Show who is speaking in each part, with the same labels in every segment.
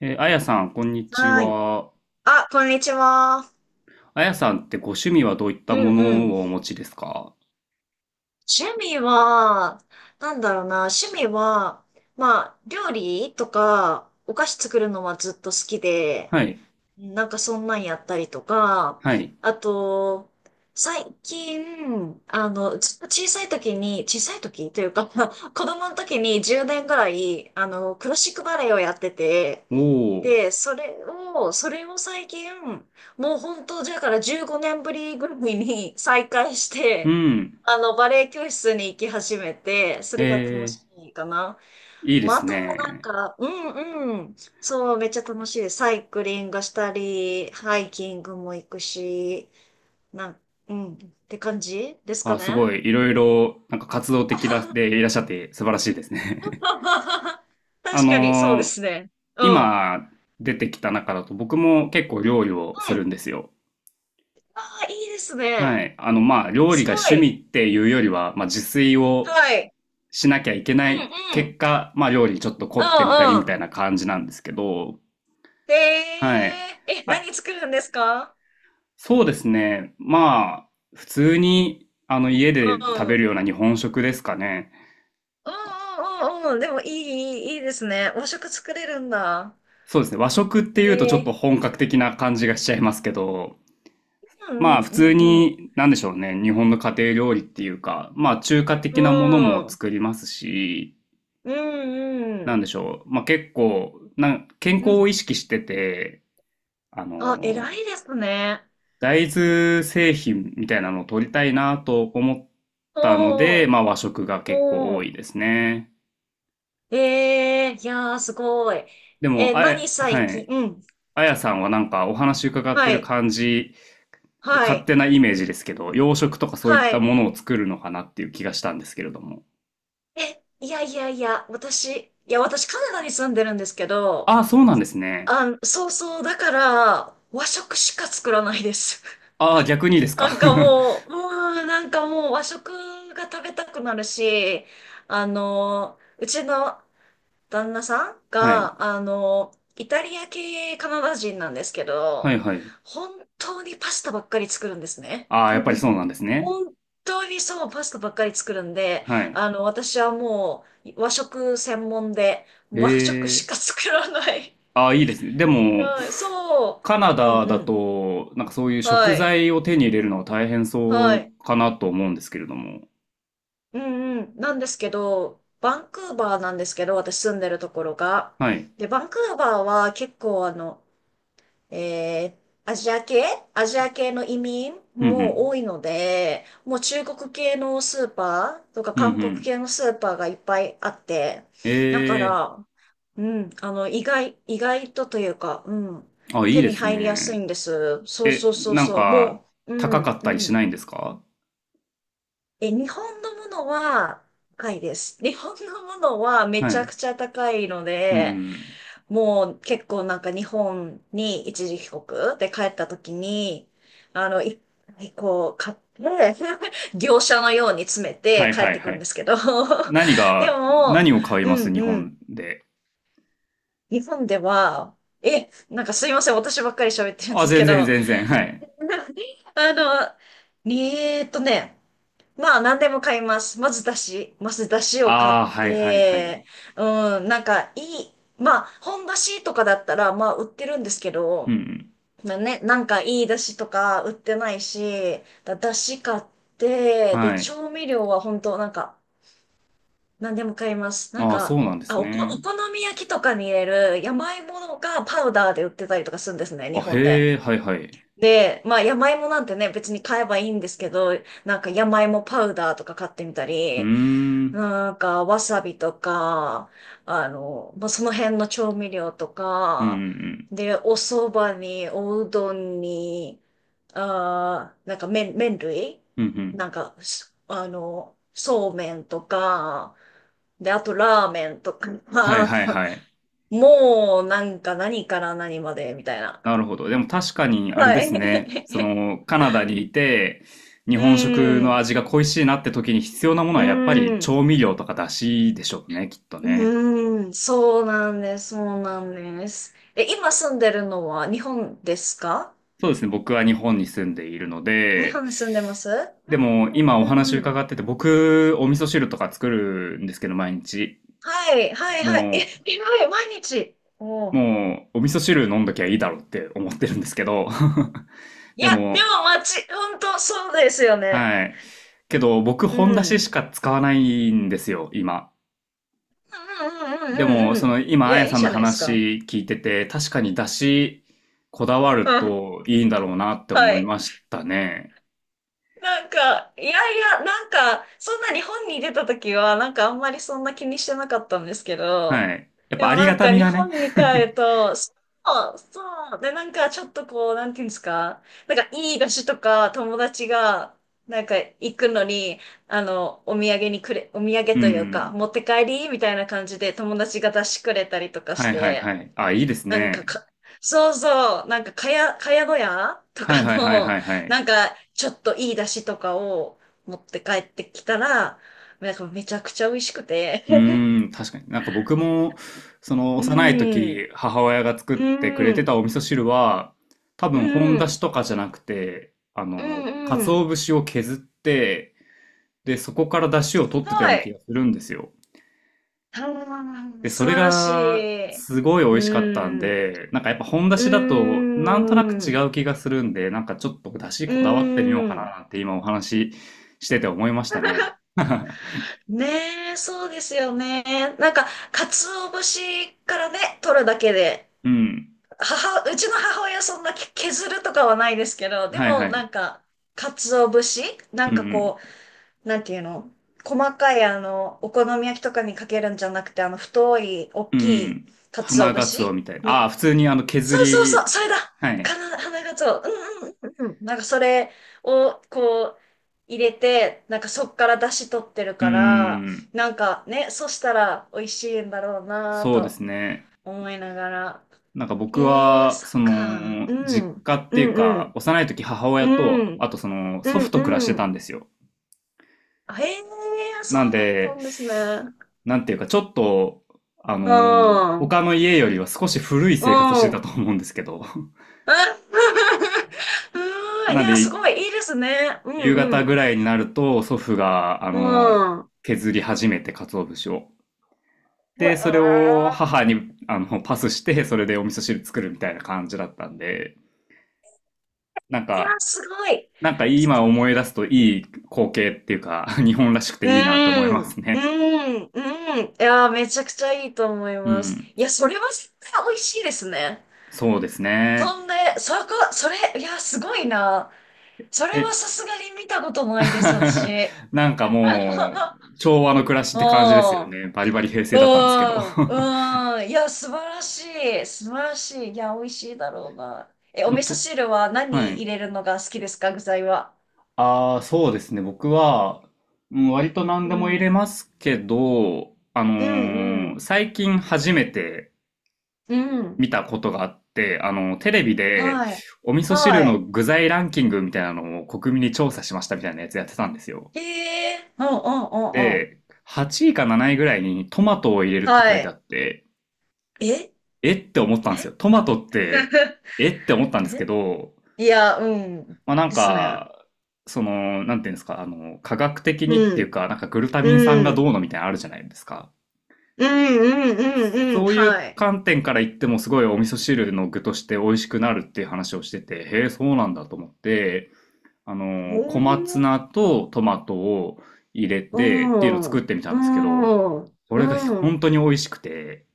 Speaker 1: あやさん、こんにち
Speaker 2: はい。
Speaker 1: は。
Speaker 2: あ、こんにちは。
Speaker 1: あやさんってご趣味はどういっ
Speaker 2: う
Speaker 1: たも
Speaker 2: んうん。
Speaker 1: のをお持ちですか？
Speaker 2: 趣味は、なんだろうな、趣味は、まあ、料理とか、お菓子作るのはずっと好きで、
Speaker 1: はい、
Speaker 2: なんかそんなんやったりとか。
Speaker 1: はい。
Speaker 2: あと、最近、ずっと小さい時に、小さい時というか、子供の時に10年ぐらい、クラシックバレエをやってて、
Speaker 1: おー、
Speaker 2: で、それを最近、もう本当、だから15年ぶりぐらいに 再開し
Speaker 1: う
Speaker 2: て、
Speaker 1: ん、
Speaker 2: あの、バレエ教室に行き始めて、それが楽
Speaker 1: え
Speaker 2: しいかな。
Speaker 1: ー、いいで
Speaker 2: まあ、あ
Speaker 1: す
Speaker 2: とはなん
Speaker 1: ね。
Speaker 2: か、うんうん、そう、めっちゃ楽しい。サイクリングしたり、ハイキングも行くし、なん、うん、って感じですか
Speaker 1: あ、す
Speaker 2: ね。
Speaker 1: ごい、いろいろ、活動的らでいらっしゃって素晴らしいですね。あ
Speaker 2: 確かに、そうで
Speaker 1: のー
Speaker 2: すね。うん。
Speaker 1: 今出てきた中だと僕も結構料理をす
Speaker 2: うん。
Speaker 1: るんですよ。
Speaker 2: ああ、いいです
Speaker 1: は
Speaker 2: ね。
Speaker 1: い。まあ、料
Speaker 2: す
Speaker 1: 理が
Speaker 2: ご
Speaker 1: 趣
Speaker 2: い。
Speaker 1: 味っていうよりは、まあ、自炊
Speaker 2: は
Speaker 1: を
Speaker 2: い。
Speaker 1: しなきゃいけ
Speaker 2: う
Speaker 1: ない
Speaker 2: んう
Speaker 1: 結
Speaker 2: ん。
Speaker 1: 果、まあ、料理にちょっと凝
Speaker 2: う
Speaker 1: ってみたりみ
Speaker 2: んう
Speaker 1: た
Speaker 2: ん。
Speaker 1: いな感じなんですけど、
Speaker 2: へ
Speaker 1: はい。
Speaker 2: え、え、
Speaker 1: あ、
Speaker 2: 何作るんですか？
Speaker 1: そうですね。まあ、普通に、家
Speaker 2: う
Speaker 1: で食
Speaker 2: ん。う
Speaker 1: べ
Speaker 2: ん
Speaker 1: るような日本食ですかね。
Speaker 2: うんうんうん。でもいい、いいいいですね。和食作れるんだ。
Speaker 1: そうですね。和食っていうとち
Speaker 2: え
Speaker 1: ょっ
Speaker 2: え。
Speaker 1: と本格的な感じがしちゃいますけど、
Speaker 2: う
Speaker 1: ま
Speaker 2: んう
Speaker 1: あ、普通
Speaker 2: んうん
Speaker 1: に、なんでしょうね。日本の家庭料理っていうか、まあ、中華
Speaker 2: う
Speaker 1: 的なものも
Speaker 2: ん。うん。
Speaker 1: 作りますし、
Speaker 2: うんう
Speaker 1: なんで
Speaker 2: ん。
Speaker 1: しょう。まあ、結構、健
Speaker 2: う
Speaker 1: 康
Speaker 2: ん。
Speaker 1: を意識してて、あ
Speaker 2: あ、
Speaker 1: の
Speaker 2: 偉いですね。
Speaker 1: 大豆製品みたいなのを取りたいなと思ったので、
Speaker 2: おー。
Speaker 1: まあ和食が結構
Speaker 2: お
Speaker 1: 多
Speaker 2: ー。
Speaker 1: いですね。
Speaker 2: ええ、いやー、すごい。
Speaker 1: で
Speaker 2: え
Speaker 1: も、
Speaker 2: ー、何
Speaker 1: は
Speaker 2: 最近
Speaker 1: い。
Speaker 2: うん。
Speaker 1: あやさんはなんかお話伺っ
Speaker 2: は
Speaker 1: てる
Speaker 2: い。
Speaker 1: 感じ、
Speaker 2: は
Speaker 1: 勝
Speaker 2: い。
Speaker 1: 手なイメージですけど、洋食とかそういっ
Speaker 2: は
Speaker 1: た
Speaker 2: い。
Speaker 1: ものを作るのかなっていう気がしたんですけれども。
Speaker 2: え、いやいやいや、私カナダに住んでるんですけど、
Speaker 1: ああ、そうなんですね。
Speaker 2: あん、そうそう、だから、和食しか作らないです。
Speaker 1: ああ、逆にで す
Speaker 2: な
Speaker 1: か。
Speaker 2: んかもう、うん、なんかもう和食が食べたくなるし、あの、うちの旦那さん
Speaker 1: はい。
Speaker 2: が、あの、イタリア系カナダ人なんですけ
Speaker 1: はい
Speaker 2: ど、
Speaker 1: はい。
Speaker 2: 本当にパスタばっかり作るんですね。
Speaker 1: ああ、やっぱりそう なんですね。
Speaker 2: 本当にそう、パスタばっかり作るんで、
Speaker 1: はい。
Speaker 2: あの、私はもう和食専門で、和食し
Speaker 1: ええ、
Speaker 2: か作らない。
Speaker 1: ああ、いいですね。でも、
Speaker 2: はい、そ
Speaker 1: カナ
Speaker 2: う。うん
Speaker 1: ダ
Speaker 2: う
Speaker 1: だ
Speaker 2: ん。
Speaker 1: と、なんかそういう
Speaker 2: は
Speaker 1: 食
Speaker 2: い。
Speaker 1: 材を手に入れるのは大変そ
Speaker 2: は
Speaker 1: う
Speaker 2: い。
Speaker 1: かなと思うんですけれども。
Speaker 2: うんうん。なんですけど、バンクーバーなんですけど、私住んでるところが。
Speaker 1: はい。
Speaker 2: で、バンクーバーは結構あの、アジア系アジア系の移民
Speaker 1: うんう
Speaker 2: も
Speaker 1: ん。
Speaker 2: 多いので、もう中国系のスーパーとか
Speaker 1: うんう
Speaker 2: 韓国
Speaker 1: ん。
Speaker 2: 系のスーパーがいっぱいあって、
Speaker 1: え
Speaker 2: だか
Speaker 1: え、
Speaker 2: ら、うん、あの、意外とというか、うん、
Speaker 1: あ、いい
Speaker 2: 手
Speaker 1: で
Speaker 2: に
Speaker 1: す
Speaker 2: 入りやすい
Speaker 1: ね。
Speaker 2: んです。そう
Speaker 1: え、
Speaker 2: そうそう
Speaker 1: なん
Speaker 2: そう、
Speaker 1: か、
Speaker 2: もう、
Speaker 1: 高
Speaker 2: う
Speaker 1: か
Speaker 2: ん、
Speaker 1: った
Speaker 2: う
Speaker 1: りし
Speaker 2: ん。
Speaker 1: ないんですか？
Speaker 2: え、日本のものは高いです。日本のものはめ
Speaker 1: は
Speaker 2: ちゃ
Speaker 1: い。
Speaker 2: くちゃ高いの
Speaker 1: う
Speaker 2: で、
Speaker 1: ん。
Speaker 2: もう結構なんか日本に一時帰国で帰った時に、あの、い、こう買って、業者のように詰め
Speaker 1: は
Speaker 2: て
Speaker 1: い
Speaker 2: 帰っ
Speaker 1: はい
Speaker 2: てく
Speaker 1: は
Speaker 2: るんで
Speaker 1: い。
Speaker 2: すけど、
Speaker 1: 何
Speaker 2: で
Speaker 1: が、
Speaker 2: も、
Speaker 1: 何を買い
Speaker 2: う
Speaker 1: ま
Speaker 2: ん
Speaker 1: す日
Speaker 2: う
Speaker 1: 本
Speaker 2: ん、
Speaker 1: で？
Speaker 2: 日本では、え、なんかすいません、私ばっかり喋ってるんで
Speaker 1: あ、
Speaker 2: す
Speaker 1: 全
Speaker 2: け
Speaker 1: 然
Speaker 2: ど。
Speaker 1: 全然。はい。
Speaker 2: あの、えーっとね、まあ、何でも買います。まず、まず、だしを買っ
Speaker 1: ああ、はいはいは
Speaker 2: て、
Speaker 1: い。
Speaker 2: うん、なんか、いい、まあ、本だしとかだったら、まあ、売ってるんですけ
Speaker 1: うんう
Speaker 2: ど、
Speaker 1: ん。
Speaker 2: まあね、なんか、いいだしとか売ってないし、だし買って、で、
Speaker 1: はい。
Speaker 2: 調味料は本当なんか、何でも買います。なん
Speaker 1: ああ、そ
Speaker 2: か、
Speaker 1: うなんです
Speaker 2: お
Speaker 1: ね。
Speaker 2: 好み焼きとかに入れる山芋がパウダーで売ってたりとかするんですね、日
Speaker 1: あ、
Speaker 2: 本で。
Speaker 1: へえ、はいはい。
Speaker 2: で、まあ、山芋なんてね、別に買えばいいんですけど、なんか山芋パウダーとか買ってみた
Speaker 1: うー
Speaker 2: り、
Speaker 1: ん。
Speaker 2: なんか、わさびとか、あの、まあ、その辺の調味料と
Speaker 1: うんう
Speaker 2: か、
Speaker 1: ん
Speaker 2: で、お蕎麦に、おうどんに、あー、なんか麺類
Speaker 1: うん。うんうん。
Speaker 2: なんか、あの、そうめんとか、で、あとラーメンとか、
Speaker 1: はいはい はい。
Speaker 2: もう、なんか何から何まで、みたいな。
Speaker 1: なるほど。でも確かにあれ
Speaker 2: は
Speaker 1: ですね。そ
Speaker 2: い。
Speaker 1: の、カナダにいて、日
Speaker 2: う
Speaker 1: 本食の
Speaker 2: ん。
Speaker 1: 味が恋しいなって時に必要なもの
Speaker 2: う
Speaker 1: はやっぱり
Speaker 2: ん。
Speaker 1: 調味料とか出汁でしょうね、きっと
Speaker 2: う
Speaker 1: ね。
Speaker 2: ーん、そうなんです。え、今住んでるのは日本ですか？
Speaker 1: そうですね。僕は日本に住んでいるの
Speaker 2: 日
Speaker 1: で、
Speaker 2: 本に住んでます？う
Speaker 1: でも
Speaker 2: ん
Speaker 1: 今お
Speaker 2: うんう
Speaker 1: 話
Speaker 2: んうん。
Speaker 1: 伺ってて、僕、お味噌汁とか作るんですけど、毎日。
Speaker 2: はい、はい、
Speaker 1: も
Speaker 2: はい。え、えらい、毎日。おう、
Speaker 1: もう、お味噌汁飲んどきゃいいだろうって思ってるんですけど、
Speaker 2: い
Speaker 1: で
Speaker 2: や、で
Speaker 1: も、
Speaker 2: も街、本当そうですよね。
Speaker 1: はい。けど、僕、
Speaker 2: うん。
Speaker 1: 本出
Speaker 2: う
Speaker 1: し
Speaker 2: ん
Speaker 1: しか使わないんですよ、今。
Speaker 2: うん
Speaker 1: で
Speaker 2: うんう
Speaker 1: も、
Speaker 2: んう
Speaker 1: そ
Speaker 2: ん。
Speaker 1: の、
Speaker 2: い
Speaker 1: 今、あ
Speaker 2: や、
Speaker 1: や
Speaker 2: いい
Speaker 1: さん
Speaker 2: じ
Speaker 1: の
Speaker 2: ゃないですか。
Speaker 1: 話聞いてて、確かに出し、こだわる
Speaker 2: うん。
Speaker 1: といいんだろうなって
Speaker 2: は
Speaker 1: 思い
Speaker 2: い。
Speaker 1: ましたね。
Speaker 2: なんか、いやいや、なんか、そんな日本に出た時は、なんかあんまりそんな気にしてなかったんですけど、
Speaker 1: はい。やっ
Speaker 2: で
Speaker 1: ぱ、あ
Speaker 2: も
Speaker 1: り
Speaker 2: な
Speaker 1: が
Speaker 2: ん
Speaker 1: た
Speaker 2: か
Speaker 1: み
Speaker 2: 日
Speaker 1: がね。
Speaker 2: 本に帰ると、そう、そう、でなんかちょっとこう、なんていうんですか、なんかいい菓子とか友達が、なんか行くのに、あの、お土
Speaker 1: う
Speaker 2: 産というか、
Speaker 1: ん。
Speaker 2: 持って帰りみたいな感じで友達が出してくれたりとかし
Speaker 1: はいはい
Speaker 2: て、
Speaker 1: はい。あ、いいです
Speaker 2: なんか
Speaker 1: ね。
Speaker 2: か、そうそう、なんか、かや小屋と
Speaker 1: はい
Speaker 2: か
Speaker 1: はいはい
Speaker 2: の、
Speaker 1: はいはい。
Speaker 2: なんか、ちょっといい出汁とかを持って帰ってきたら、なんかめちゃくちゃ美味しくて。
Speaker 1: う ーん、確かに。なんか僕も、その
Speaker 2: う
Speaker 1: 幼い
Speaker 2: ん、
Speaker 1: 時、母親が作っ
Speaker 2: う
Speaker 1: てくれてた
Speaker 2: ん、
Speaker 1: お味噌汁は、多
Speaker 2: う
Speaker 1: 分本だし
Speaker 2: ん、
Speaker 1: とかじゃなくて、あ
Speaker 2: う
Speaker 1: の、
Speaker 2: ん、う
Speaker 1: 鰹
Speaker 2: ん。
Speaker 1: 節を削って、で、そこから出汁を
Speaker 2: す
Speaker 1: 取っ
Speaker 2: ご
Speaker 1: てたような気
Speaker 2: い。
Speaker 1: がするんですよ。
Speaker 2: あー
Speaker 1: で、そ
Speaker 2: 素
Speaker 1: れ
Speaker 2: 晴らし
Speaker 1: が、
Speaker 2: い。
Speaker 1: すごい美
Speaker 2: う
Speaker 1: 味しかったん
Speaker 2: ん、
Speaker 1: で、なんかやっぱ本だ
Speaker 2: う
Speaker 1: しだと、なんとなく違
Speaker 2: ん、
Speaker 1: う気がするんで、なんかちょっとだし
Speaker 2: う
Speaker 1: こだわってみようかな
Speaker 2: ん。
Speaker 1: なんて今お話ししてて思いましたね。
Speaker 2: ねえ、そうですよね。なんか、鰹節からね、取るだけで、
Speaker 1: うん。
Speaker 2: うちの母親そんな削るとかはないですけど、で
Speaker 1: はい
Speaker 2: も
Speaker 1: は
Speaker 2: な
Speaker 1: い。
Speaker 2: んか、鰹節な
Speaker 1: う
Speaker 2: ん
Speaker 1: んう
Speaker 2: かこ
Speaker 1: ん。
Speaker 2: う、なんていうの、細かいあの、お好み焼きとかにかけるんじゃなくて、あの、太い、大
Speaker 1: う
Speaker 2: きい
Speaker 1: ん。
Speaker 2: 鰹
Speaker 1: 花ガ
Speaker 2: 節
Speaker 1: ツオみたいな。あ
Speaker 2: み、
Speaker 1: あ、普通にあの削
Speaker 2: そうそうそう、
Speaker 1: り、
Speaker 2: それだ
Speaker 1: はい。
Speaker 2: かな、花鰹。うんうんうんうん。なんかそれをこう、入れて、なんかそっから出汁取ってる
Speaker 1: う
Speaker 2: から、
Speaker 1: ん。
Speaker 2: なんかね、そしたら美味しいんだろうなぁ
Speaker 1: そうで
Speaker 2: と
Speaker 1: すね。
Speaker 2: 思いながら。
Speaker 1: なんか僕
Speaker 2: ええ、
Speaker 1: は、
Speaker 2: そっ
Speaker 1: そ
Speaker 2: か。
Speaker 1: の、
Speaker 2: う
Speaker 1: 実
Speaker 2: ん。
Speaker 1: 家っ
Speaker 2: う
Speaker 1: てい
Speaker 2: ん
Speaker 1: う
Speaker 2: う
Speaker 1: か、
Speaker 2: ん。
Speaker 1: 幼い時母
Speaker 2: う
Speaker 1: 親と、
Speaker 2: ん。
Speaker 1: あとその、
Speaker 2: う
Speaker 1: 祖
Speaker 2: ん
Speaker 1: 父と暮らして
Speaker 2: う
Speaker 1: たん
Speaker 2: ん。
Speaker 1: ですよ。
Speaker 2: ええ、
Speaker 1: なん
Speaker 2: そうだった
Speaker 1: で、
Speaker 2: んですね。
Speaker 1: なんていうか、ちょっと、あ
Speaker 2: う
Speaker 1: の
Speaker 2: ん。うん。
Speaker 1: 他の家よりは少し古い生活して
Speaker 2: あ
Speaker 1: たと思うんですけど。
Speaker 2: うん。い
Speaker 1: なん
Speaker 2: や、す
Speaker 1: で、
Speaker 2: ごい、いいですね。う
Speaker 1: 夕方ぐ
Speaker 2: ん
Speaker 1: らいになると、祖父が、
Speaker 2: うん。うん。
Speaker 1: 削り始めて、鰹節を。
Speaker 2: え
Speaker 1: で、それを
Speaker 2: え、
Speaker 1: 母にあのパスして、それでお味噌汁作るみたいな感じだったんで、なん
Speaker 2: いや、
Speaker 1: か、
Speaker 2: すごい。
Speaker 1: なんか今思い出すといい光景っていうか、日本らしく
Speaker 2: う
Speaker 1: ていいなと思いま
Speaker 2: ん、
Speaker 1: す
Speaker 2: う
Speaker 1: ね。
Speaker 2: ん、うん。いやー、めちゃくちゃいいと思い
Speaker 1: う
Speaker 2: ます。
Speaker 1: ん。
Speaker 2: いや、それは絶対美味しいですね。
Speaker 1: そうですね。
Speaker 2: そんで、そこ、それ、いや、すごいな。それは
Speaker 1: え、
Speaker 2: さすがに見たことないで す、私。
Speaker 1: なんかもう、
Speaker 2: あ
Speaker 1: 昭和の暮らしって感じですよ
Speaker 2: の、
Speaker 1: ね。バリバリ平成
Speaker 2: う
Speaker 1: だったんですけど。
Speaker 2: ん、うん、うん。いや、素晴らしい。素晴らしい。いや、美味しいだろうな。え、お
Speaker 1: でも
Speaker 2: 味噌
Speaker 1: と、
Speaker 2: 汁は
Speaker 1: は
Speaker 2: 何入
Speaker 1: い。
Speaker 2: れるのが好きですか、具材は？
Speaker 1: ああ、そうですね。僕は、うん割と
Speaker 2: う
Speaker 1: 何でも入
Speaker 2: ん。
Speaker 1: れますけど、
Speaker 2: うん、うん。
Speaker 1: 最近初めて
Speaker 2: うん。
Speaker 1: 見たことがあって、あの、テレビで、
Speaker 2: はい。
Speaker 1: お味噌
Speaker 2: は
Speaker 1: 汁の
Speaker 2: い。
Speaker 1: 具材ランキングみたいなのを国民に調査しましたみたいなやつやってたんですよ。
Speaker 2: へえ。うん、うん、うん、うん。
Speaker 1: で、8位か7位ぐらいにトマトを入れるって
Speaker 2: は
Speaker 1: 書いて
Speaker 2: い。
Speaker 1: あって、
Speaker 2: え
Speaker 1: えって思ったんですよ。トマトって、えって思ったんですけ
Speaker 2: え、
Speaker 1: ど、
Speaker 2: いや、うん。
Speaker 1: まあなん
Speaker 2: ですね。
Speaker 1: か、その、なんていうんですか、あの、科学的にって
Speaker 2: う
Speaker 1: いう
Speaker 2: ん。
Speaker 1: か、なんかグルタミン
Speaker 2: う
Speaker 1: 酸が
Speaker 2: ん。
Speaker 1: どうのみたいなのあるじゃないですか。
Speaker 2: うん、うん、うん、うん。
Speaker 1: そういう
Speaker 2: はい。
Speaker 1: 観点から言ってもすごいお味噌汁の具として美味しくなるっていう話をしてて、へえ、そうなんだと思って、あ
Speaker 2: え
Speaker 1: の、小松
Speaker 2: ー、
Speaker 1: 菜とトマトを入れ
Speaker 2: う
Speaker 1: てっていうのを
Speaker 2: ん、
Speaker 1: 作ってみた
Speaker 2: う
Speaker 1: んですけど、
Speaker 2: ん、
Speaker 1: それが
Speaker 2: う
Speaker 1: 本
Speaker 2: ん。
Speaker 1: 当に美味しくて、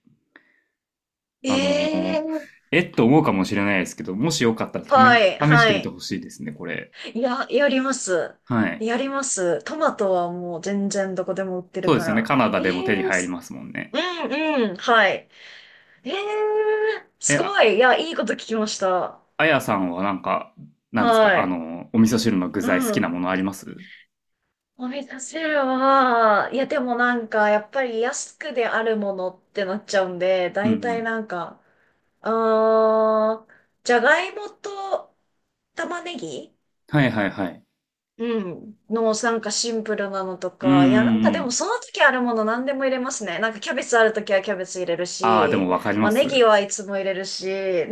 Speaker 2: え
Speaker 1: あの、
Speaker 2: ー、
Speaker 1: えっと思うかもしれないですけど、もしよかったら
Speaker 2: は
Speaker 1: 試、
Speaker 2: い、
Speaker 1: 試し
Speaker 2: は
Speaker 1: てみて
Speaker 2: い。
Speaker 1: ほしいですね、これ。
Speaker 2: いや、やります。
Speaker 1: はい。
Speaker 2: やります。トマトはもう全然どこでも売って
Speaker 1: そ
Speaker 2: る
Speaker 1: うで
Speaker 2: か
Speaker 1: すよね。
Speaker 2: ら。
Speaker 1: カナダでも手に入りますもん
Speaker 2: う
Speaker 1: ね。
Speaker 2: ん、うん、はい。えー、
Speaker 1: え、
Speaker 2: すご
Speaker 1: あ、
Speaker 2: い。いや、いいこと聞きました。
Speaker 1: あやさんはなんか、なんです
Speaker 2: は
Speaker 1: かあ
Speaker 2: い。
Speaker 1: の、お味噌汁の具
Speaker 2: う
Speaker 1: 材好き
Speaker 2: ん。
Speaker 1: なものあります？
Speaker 2: お味噌汁は、いや、でもなんか、やっぱり安くであるものってなっちゃうんで、
Speaker 1: うんう
Speaker 2: 大体
Speaker 1: ん。
Speaker 2: なんか、あー、じゃがいもと玉ねぎ、
Speaker 1: はいはいはい。
Speaker 2: うん、のなんかシンプルなのと
Speaker 1: うんうん
Speaker 2: か、いやなんか
Speaker 1: う
Speaker 2: でも
Speaker 1: ん。
Speaker 2: その時あるもの何でも入れますね。なんかキャベツある時はキャベツ入れる
Speaker 1: ああ、でも
Speaker 2: し、
Speaker 1: わかり
Speaker 2: まあ
Speaker 1: ま
Speaker 2: ネギ
Speaker 1: す。
Speaker 2: はいつも入れるし、ね、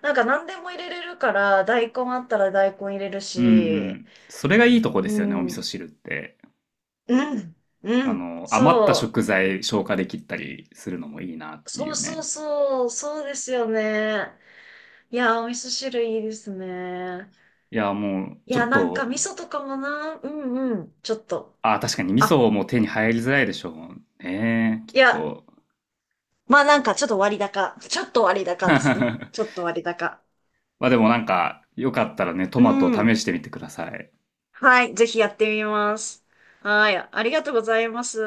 Speaker 2: なんか何でも入れれるから大根あったら大根入れる
Speaker 1: うんう
Speaker 2: し、
Speaker 1: ん。それがいいとこ
Speaker 2: う
Speaker 1: ですよね、お
Speaker 2: ん、
Speaker 1: 味噌
Speaker 2: う
Speaker 1: 汁って。
Speaker 2: ん、う
Speaker 1: あ
Speaker 2: ん、
Speaker 1: の、余った
Speaker 2: そ
Speaker 1: 食材消化できたりするのもいいなっ
Speaker 2: う、
Speaker 1: て
Speaker 2: そ
Speaker 1: い
Speaker 2: う
Speaker 1: う
Speaker 2: そう
Speaker 1: ね。
Speaker 2: そう、そうですよね。いや、お味噌汁いいですね。
Speaker 1: いや、もう、
Speaker 2: い
Speaker 1: ちょ
Speaker 2: や、
Speaker 1: っ
Speaker 2: なんか味
Speaker 1: と、
Speaker 2: 噌とかもな、うんうん、ちょっと。
Speaker 1: あー、確かに味
Speaker 2: あ、
Speaker 1: 噌も手に入りづらいでしょうね、きっ
Speaker 2: いや、
Speaker 1: と。
Speaker 2: まあなんかちょっと割高。ちょっと割高ですね。ちょっと割高。
Speaker 1: まあでもなんか、よかったらね、ト
Speaker 2: う
Speaker 1: マトを試
Speaker 2: ん。
Speaker 1: してみてください。
Speaker 2: はい、ぜひやってみます。はい、ありがとうございます。